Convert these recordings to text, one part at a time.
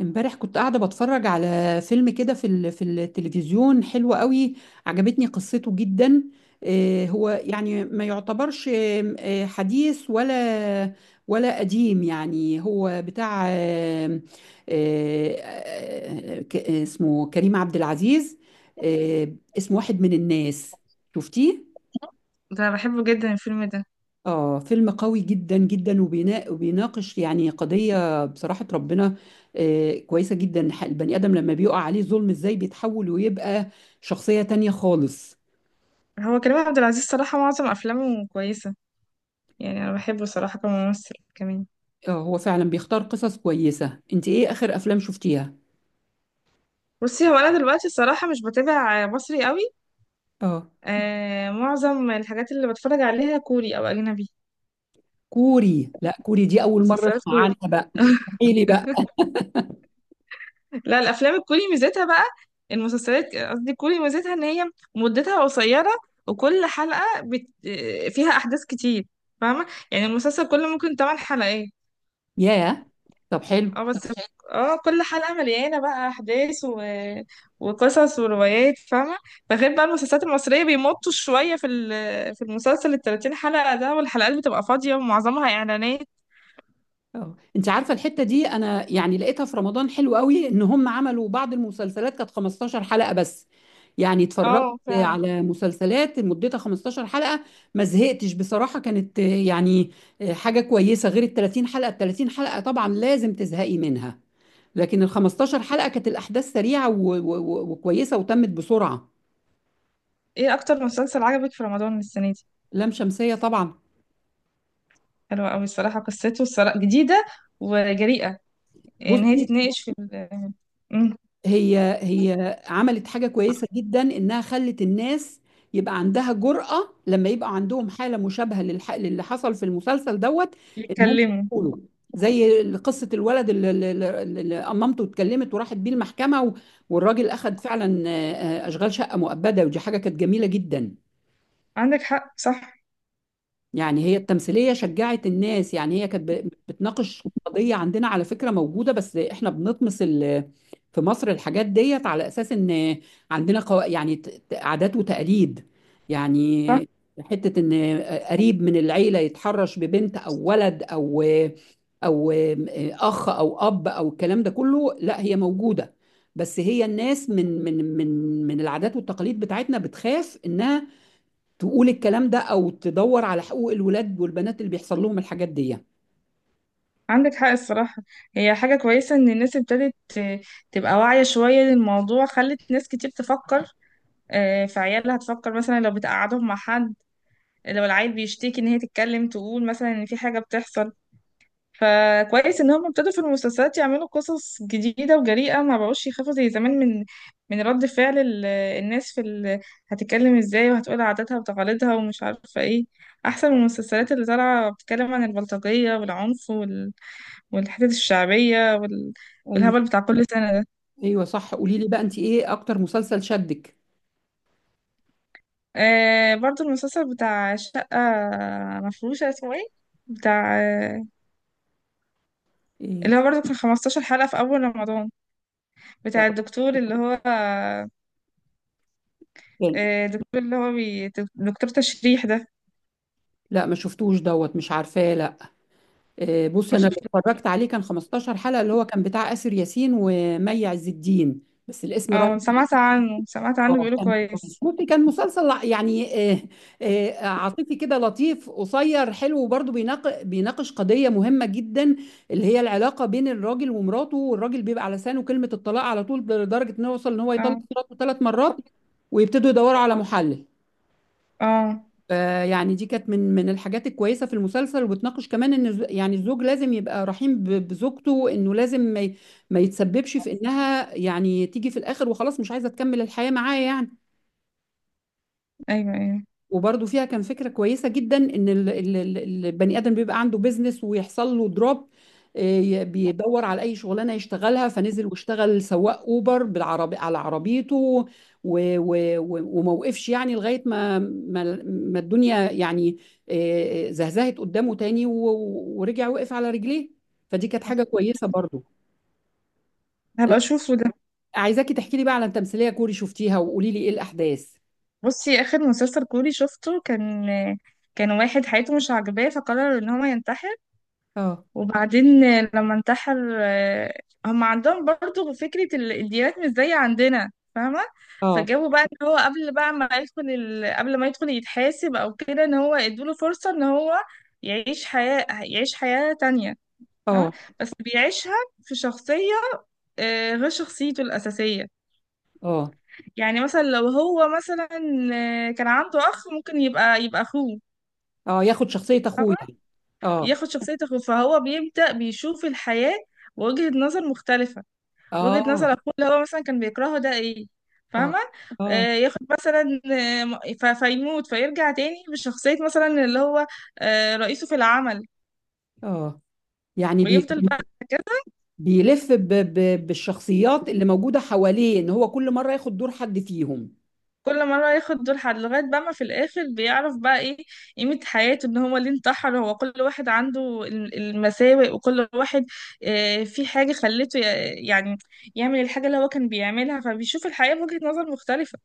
امبارح كنت قاعدة بتفرج على فيلم كده في التلفزيون حلو قوي. عجبتني قصته جدا. هو يعني ما يعتبرش آم، آه، حديث ولا قديم. يعني هو بتاع آم، آه، آه، ك- اسمه كريم عبد العزيز. آه، اسمه واحد من الناس. شفتيه؟ ده بحبه جدا الفيلم ده. آه، فيلم قوي جدا جدا وبيناقش يعني قضية. بصراحة ربنا كويسة جدا. البني آدم لما بيقع عليه ظلم إزاي بيتحول ويبقى شخصية تانية خالص. هو كريم عبد العزيز صراحة معظم أفلامه كويسة، يعني أنا بحبه صراحة كممثل كمان. آه، هو فعلا بيختار قصص كويسة. أنت إيه آخر أفلام شفتيها؟ بصي، هو أنا دلوقتي الصراحة مش بتابع مصري قوي. آه، معظم الحاجات اللي بتفرج عليها كوري أو أجنبي، كوري؟ لا، كوري دي أول مرة مسلسلات أسمع عنها كوري. بقى. إيه لي بقى؟ لا الأفلام الكوري ميزتها بقى، المسلسلات قصدي كوري ميزتها إن هي مدتها قصيرة. وكل حلقة بت... آه، فيها أحداث كتير. فاهمة، يعني المسلسل كله ممكن 8 حلقات. ياه، طب حلو. اه بس. اه كل حلقة مليانة بقى أحداث و... وقصص وروايات، فاهمة. بغير بقى المسلسلات المصرية بيمطوا شوية في المسلسل التلاتين حلقة ده، والحلقات بتبقى فاضية ومعظمها إعلانات. اه، انت عارفه الحته دي انا يعني لقيتها في رمضان حلو قوي ان هم عملوا بعض المسلسلات كانت 15 حلقه بس. يعني اتفرجت اه فعلا. على مسلسلات مدتها 15 حلقه، ما زهقتش بصراحه. كانت يعني حاجه كويسه. غير ال 30 حلقه، ال 30 حلقه طبعا لازم تزهقي منها. لكن ال 15 حلقه كانت الاحداث سريعه وكويسه وتمت بسرعه. ايه أكتر مسلسل عجبك في رمضان السنة دي؟ لام شمسيه طبعا. حلوة أوي الصراحة، قصته الصراحة جديدة وجريئة، يعني إن هي بصي، تتناقش. مم. هي هي عملت حاجة كويسة جدا، إنها خلت الناس يبقى عندها جرأة لما يبقى عندهم حالة مشابهة للي حصل في المسلسل دوت. إن هم يتكلموا. يقولوا، زي قصة الولد اللي أمامته اتكلمت وراحت بيه المحكمة. والراجل أخد فعلا أشغال شقة مؤبدة، ودي حاجة كانت جميلة جدا. عندك حق صح. يعني هي التمثيلية شجعت الناس. يعني هي كانت بتناقش قضية عندنا على فكرة موجودة، بس احنا بنطمس في مصر الحاجات ديت، على أساس إن عندنا قو... يعني ت- ت- عادات وتقاليد. يعني حتة إن قريب من العيلة يتحرش ببنت أو ولد أو أو أخ أو أب أو الكلام ده كله، لا هي موجودة. بس هي الناس من العادات والتقاليد بتاعتنا بتخاف إنها تقول الكلام ده او تدور على حقوق الولاد والبنات اللي بيحصل لهم الحاجات دي. عندك حق الصراحة. هي حاجة كويسة إن الناس ابتدت تبقى واعية شوية للموضوع، خلت ناس كتير تفكر في عيالها، تفكر مثلا لو بتقعدهم مع حد، لو العيل بيشتكي إن هي تتكلم، تقول مثلا إن في حاجة بتحصل. فكويس إن هم ابتدوا في المسلسلات يعملوا قصص جديدة وجريئة، ما بقوش يخافوا زي زمان من رد فعل الناس. هتتكلم ازاي وهتقول عاداتها وتقاليدها ومش عارفة ايه. أحسن من المسلسلات اللي طالعة بتتكلم عن البلطجية والعنف والحتت الشعبية ايوه، والهبل بتاع كل سنة ده. ايوه، صح. قولي لي بقى، انت ايه اكتر مسلسل شدك؟ برضو المسلسل بتاع شقة مفروشة، اسمه ايه، بتاع ايه؟ اللي هو برضو كان 15 حلقة في أول رمضان، بتاع الدكتور اللي هو كان- دكتور اللي هو دكتور تشريح ده. لا ما شفتوش دوت، مش عارفاه، لا. إيه، بص، مش انا اللي شفته. اتفرجت عليه كان 15 حلقة، اللي هو كان بتاع آسر ياسين ومي عز الدين. بس الاسم. اه سمعت عنه سمعت عنه اه، بيقولوا كان كويس. كويس. بصي، كان مسلسل يعني عاطفي كده، لطيف، قصير، حلو، وبرضه بيناقش قضية مهمة جدا، اللي هي العلاقة بين الراجل ومراته، والراجل بيبقى على لسانه كلمة الطلاق على طول، لدرجة انه يوصل ان هو يطلق اه مراته 3 مرات ويبتدوا يدوروا على محلل. اه. فيعني دي كانت من من الحاجات الكويسة في المسلسل، وبتناقش كمان ان يعني الزوج لازم يبقى رحيم بزوجته، انه لازم ما يتسببش في انها يعني تيجي في الاخر وخلاص مش عايزة تكمل الحياة معاه يعني. ايوه ايوه. وبرضو فيها كان فكرة كويسة جدا، ان البني ادم بيبقى عنده بيزنس ويحصل له دروب، بيدور على اي شغلانه يشتغلها، فنزل واشتغل سواق اوبر بالعربي على عربيته. وموقفش، يعني لغايه ما ما, ما الدنيا يعني زهزهت قدامه تاني، ورجع وقف على رجليه. فدي كانت حاجه كويسه برضو. لا، هبقى اشوفه ده. عايزاكي تحكي لي بقى على تمثيليه كوري شفتيها، وقولي لي ايه الاحداث. بصي اخر مسلسل كوري شفته كان واحد حياته مش عاجباه فقرر ان هو ينتحر. اه. وبعدين لما انتحر هم عندهم برضو فكرة الديانات مش زي عندنا، فاهمة. اه. فجابوا بقى ان هو قبل بقى ما يدخل قبل ما يدخل يتحاسب او كده ان هو ادوله فرصة ان هو يعيش حياة تانية. فاهمة. اه. بس بيعيشها في شخصية غير شخصيته الأساسية. اه. يعني مثلا لو هو مثلا كان عنده أخ ممكن يبقى أخوه. اه، ياخد شخصية اخوه يعني. اه. ياخد شخصية أخوه فهو بيبدأ بيشوف الحياة وجهة نظر مختلفة، وجهة اه. نظر اخوه اللي هو مثلا كان بيكرهه ده ايه، اه. فاهمة. اه. ياخد مثلا فيموت فيرجع تاني بشخصية مثلا اللي هو رئيسه في العمل. اه، يعني ويفضل بقى كده، بيلف ب ب بالشخصيات اللي موجودة حواليه، ان هو كل مرة ياخد دور حد فيهم. كل مرة ياخد دور حد لغاية بقى ما في الآخر بيعرف بقى ايه قيمة حياته، ان هو ليه انتحر، هو كل واحد عنده المساوئ، وكل واحد في حاجة خلته يعني يعمل الحاجة اللي هو كان بيعملها فبيشوف الحياة بوجهة نظر مختلفة.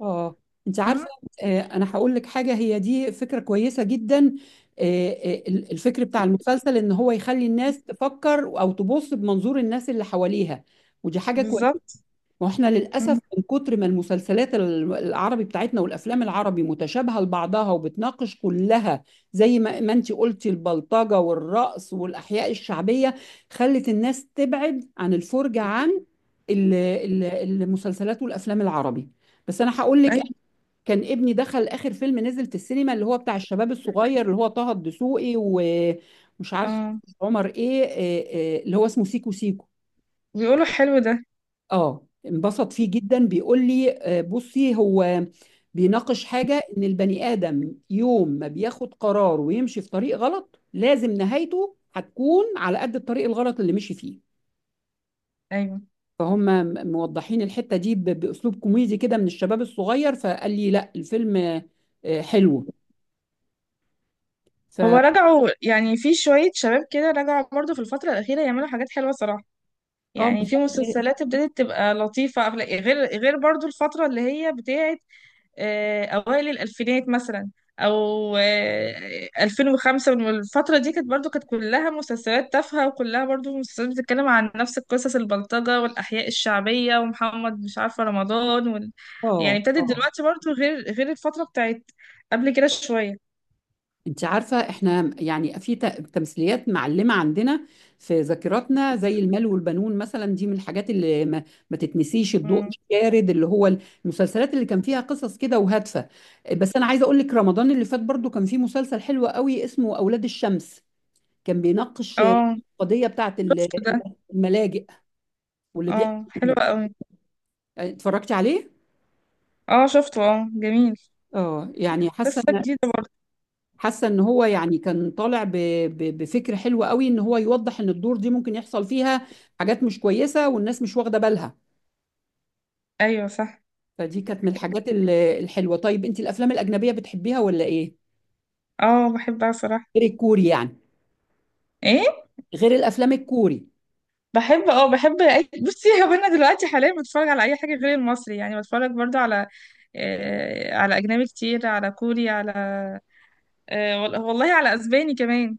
اه. انت عارفة، فاهمة آه، انا هقول لك حاجة، هي دي فكرة كويسة جدا. الفكر بتاع المسلسل ان هو يخلي الناس تفكر او تبص بمنظور الناس اللي حواليها. ودي حاجة كويسة. بالظبط. واحنا للاسف مم. من كتر ما المسلسلات العربي بتاعتنا والافلام العربي متشابهه لبعضها، وبتناقش كلها زي ما ما انت قلتي، البلطجه والرقص والاحياء الشعبيه، خلت الناس تبعد عن الفرجه عن ال- ال- المسلسلات والافلام العربي. بس انا هقول لك، أيوة. كان ابني دخل اخر فيلم نزل في السينما، اللي هو بتاع الشباب الصغير اللي هو طه الدسوقي ومش عارف اه عمر ايه، إيه- إيه، اللي هو اسمه سيكو سيكو. بيقولوا حلو ده. اه، انبسط فيه جدا، بيقول لي، بصي، هو بيناقش حاجة ان البني آدم يوم ما بياخد قرار ويمشي في طريق غلط لازم نهايته هتكون على قد الطريق الغلط اللي مشي فيه. ايوه فهم موضحين الحتة دي بأسلوب كوميدي كده من الشباب الصغير. فقال لي لا، الفيلم حلو. ف هو اه رجعوا يعني في شوية شباب كده رجعوا برضه في الفترة الأخيرة يعملوا حاجات حلوة صراحة. يعني في مسلسلات ابتدت تبقى لطيفة، غير برضه الفترة اللي هي بتاعت أوائل الألفينات مثلا أو 2005 والفترة دي كانت برضه كانت كلها مسلسلات تافهة وكلها برضه مسلسلات بتتكلم عن نفس القصص، البلطجة والأحياء الشعبية ومحمد مش عارفة رمضان يعني اه ابتدت آه. دلوقتي برضه غير الفترة بتاعت قبل كده شوية. انت عارفة، احنا يعني في تمثيليات معلمة عندنا في ذاكرتنا، زي المال والبنون مثلا، دي من الحاجات اللي ما, ما تتنسيش. الضوء مم. الشارد اللي هو المسلسلات اللي كان فيها قصص كده وهادفة. بس انا عايزة اقول لك، رمضان اللي فات برضو كان فيه مسلسل حلو قوي اسمه اولاد الشمس، كان بيناقش اه القضية بتاعت شفته ده. الملاجئ واللي بيحكي اه حلو فيه. قوي. اتفرجتي عليه؟ اه شفته اه جميل. اه، يعني حاسة، قصة جديدة برضه. حاسه ان هو يعني كان طالع بفكر حلو قوي، ان هو يوضح ان الدور دي ممكن يحصل فيها حاجات مش كويسه والناس مش واخده بالها. ايوه صح. فدي كانت من الحاجات الحلوه. طيب انت الافلام الاجنبيه بتحبيها ولا ايه؟ اه بحبها صراحة. غير الكوري يعني. ايه غير الافلام الكوري. بحب بصي هو انا دلوقتي حاليا بتفرج على اي حاجة غير المصري، يعني بتفرج برضه على على اجنبي كتير، على كوري، على والله على اسباني كمان.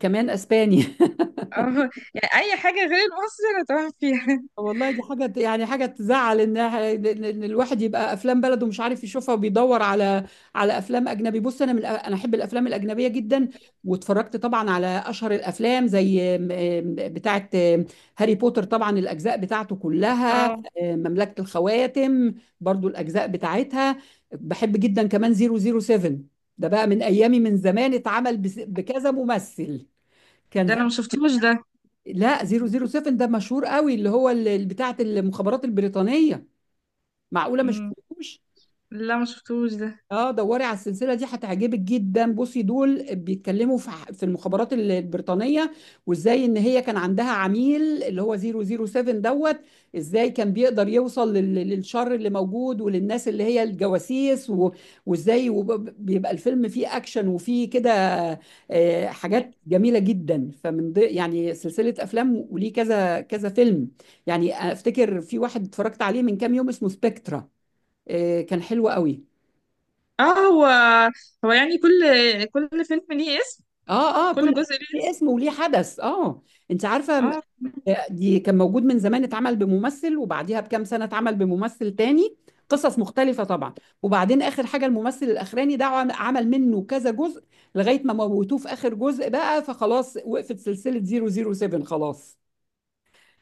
كمان اسباني؟ اه يعني اي حاجة غير المصري انا تمام فيها. والله دي حاجة، يعني حاجة تزعل، إن الواحد يبقى أفلام بلده مش عارف يشوفها وبيدور على أفلام أجنبي. بص، أنا من أنا أحب الأفلام الأجنبية جدا، واتفرجت طبعا على أشهر الأفلام زي بتاعة هاري بوتر طبعا الأجزاء بتاعته كلها، اه مملكة الخواتم برضو الأجزاء بتاعتها بحب جدا كمان، 007، ده بقى من أيامي من زمان، اتعمل بكذا ممثل. كان ده انا ما شفتوش ده. لا، 007 ده مشهور قوي، اللي هو بتاعه المخابرات البريطانية. معقولة ما مم. شفتوش؟ لا ما شفتوش ده. اه، دوري على السلسله دي هتعجبك جدا. بصي دول بيتكلموا في في المخابرات البريطانيه، وازاي ان هي كان عندها عميل اللي هو 007 دوت. ازاي كان بيقدر يوصل للشر اللي موجود وللناس اللي هي الجواسيس، و- وازاي بيبقى الفيلم فيه اكشن وفيه كده، حاجات جميله جدا. فمن يعني سلسله افلام وليه كذا كذا فيلم. يعني افتكر في واحد اتفرجت عليه من كام يوم اسمه سبكترا، كان حلو قوي. اه هو يعني كل فيلم ليه اسم. اه. اه. كل كل جزء ليه في اسم. اسم وليه حدث. اه. انت عارفه اه آه، دي كان موجود من زمان اتعمل بممثل، وبعديها بكام سنه اتعمل بممثل تاني، قصص مختلفه طبعا. وبعدين اخر حاجه الممثل الاخراني ده عمل منه كذا جزء لغايه ما موتوه في اخر جزء بقى، فخلاص وقفت سلسله 007 خلاص.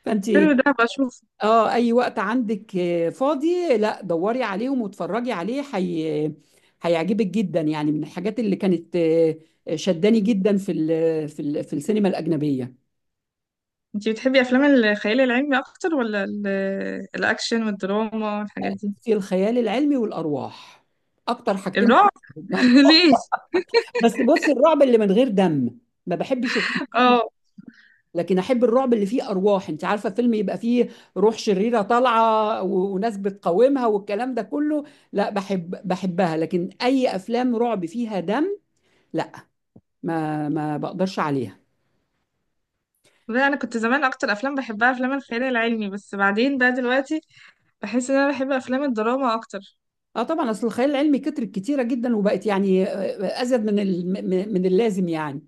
فانت حلو ده بشوف. اه اي وقت عندك فاضي لا دوري عليهم واتفرجي عليه هيعجبك جدا. يعني من الحاجات اللي كانت شداني جدا في السينما الأجنبية. انتي بتحبي افلام الخيال العلمي اكتر ولا الاكشن والدراما والحاجات دي؟ في الخيال العلمي والأرواح اكتر حاجتين، الرعب. بحبهم. ليه. بس بص، الرعب اللي من غير دم ما بحبش الرعب، اه لكن احب الرعب اللي فيه ارواح. انت عارفه فيلم يبقى فيه روح شريره طالعه و... وناس بتقاومها والكلام ده كله، لا بحبها. لكن اي افلام رعب فيها دم لا، ما ما بقدرش عليها. لا انا كنت زمان اكتر افلام بحبها افلام الخيال العلمي، بس بعدين بقى دلوقتي بحس ان انا بحب افلام الدراما اكتر. اه، طبعا اصل الخيال العلمي كترت كتيره جدا، وبقت يعني آه، ازيد من اللازم يعني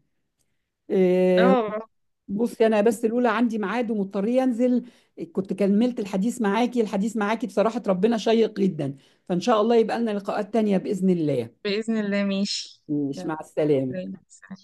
آه، اه. بصي انا بس الاولى عندي ميعاد ومضطريه انزل. كنت كملت الحديث معاكي، الحديث معاكي بصراحه ربنا شيق جدا، فان شاء الله يبقى لنا لقاءات تانية باذن الله. باذن الله ماشي. مش مع السلامه. يلا، سلام.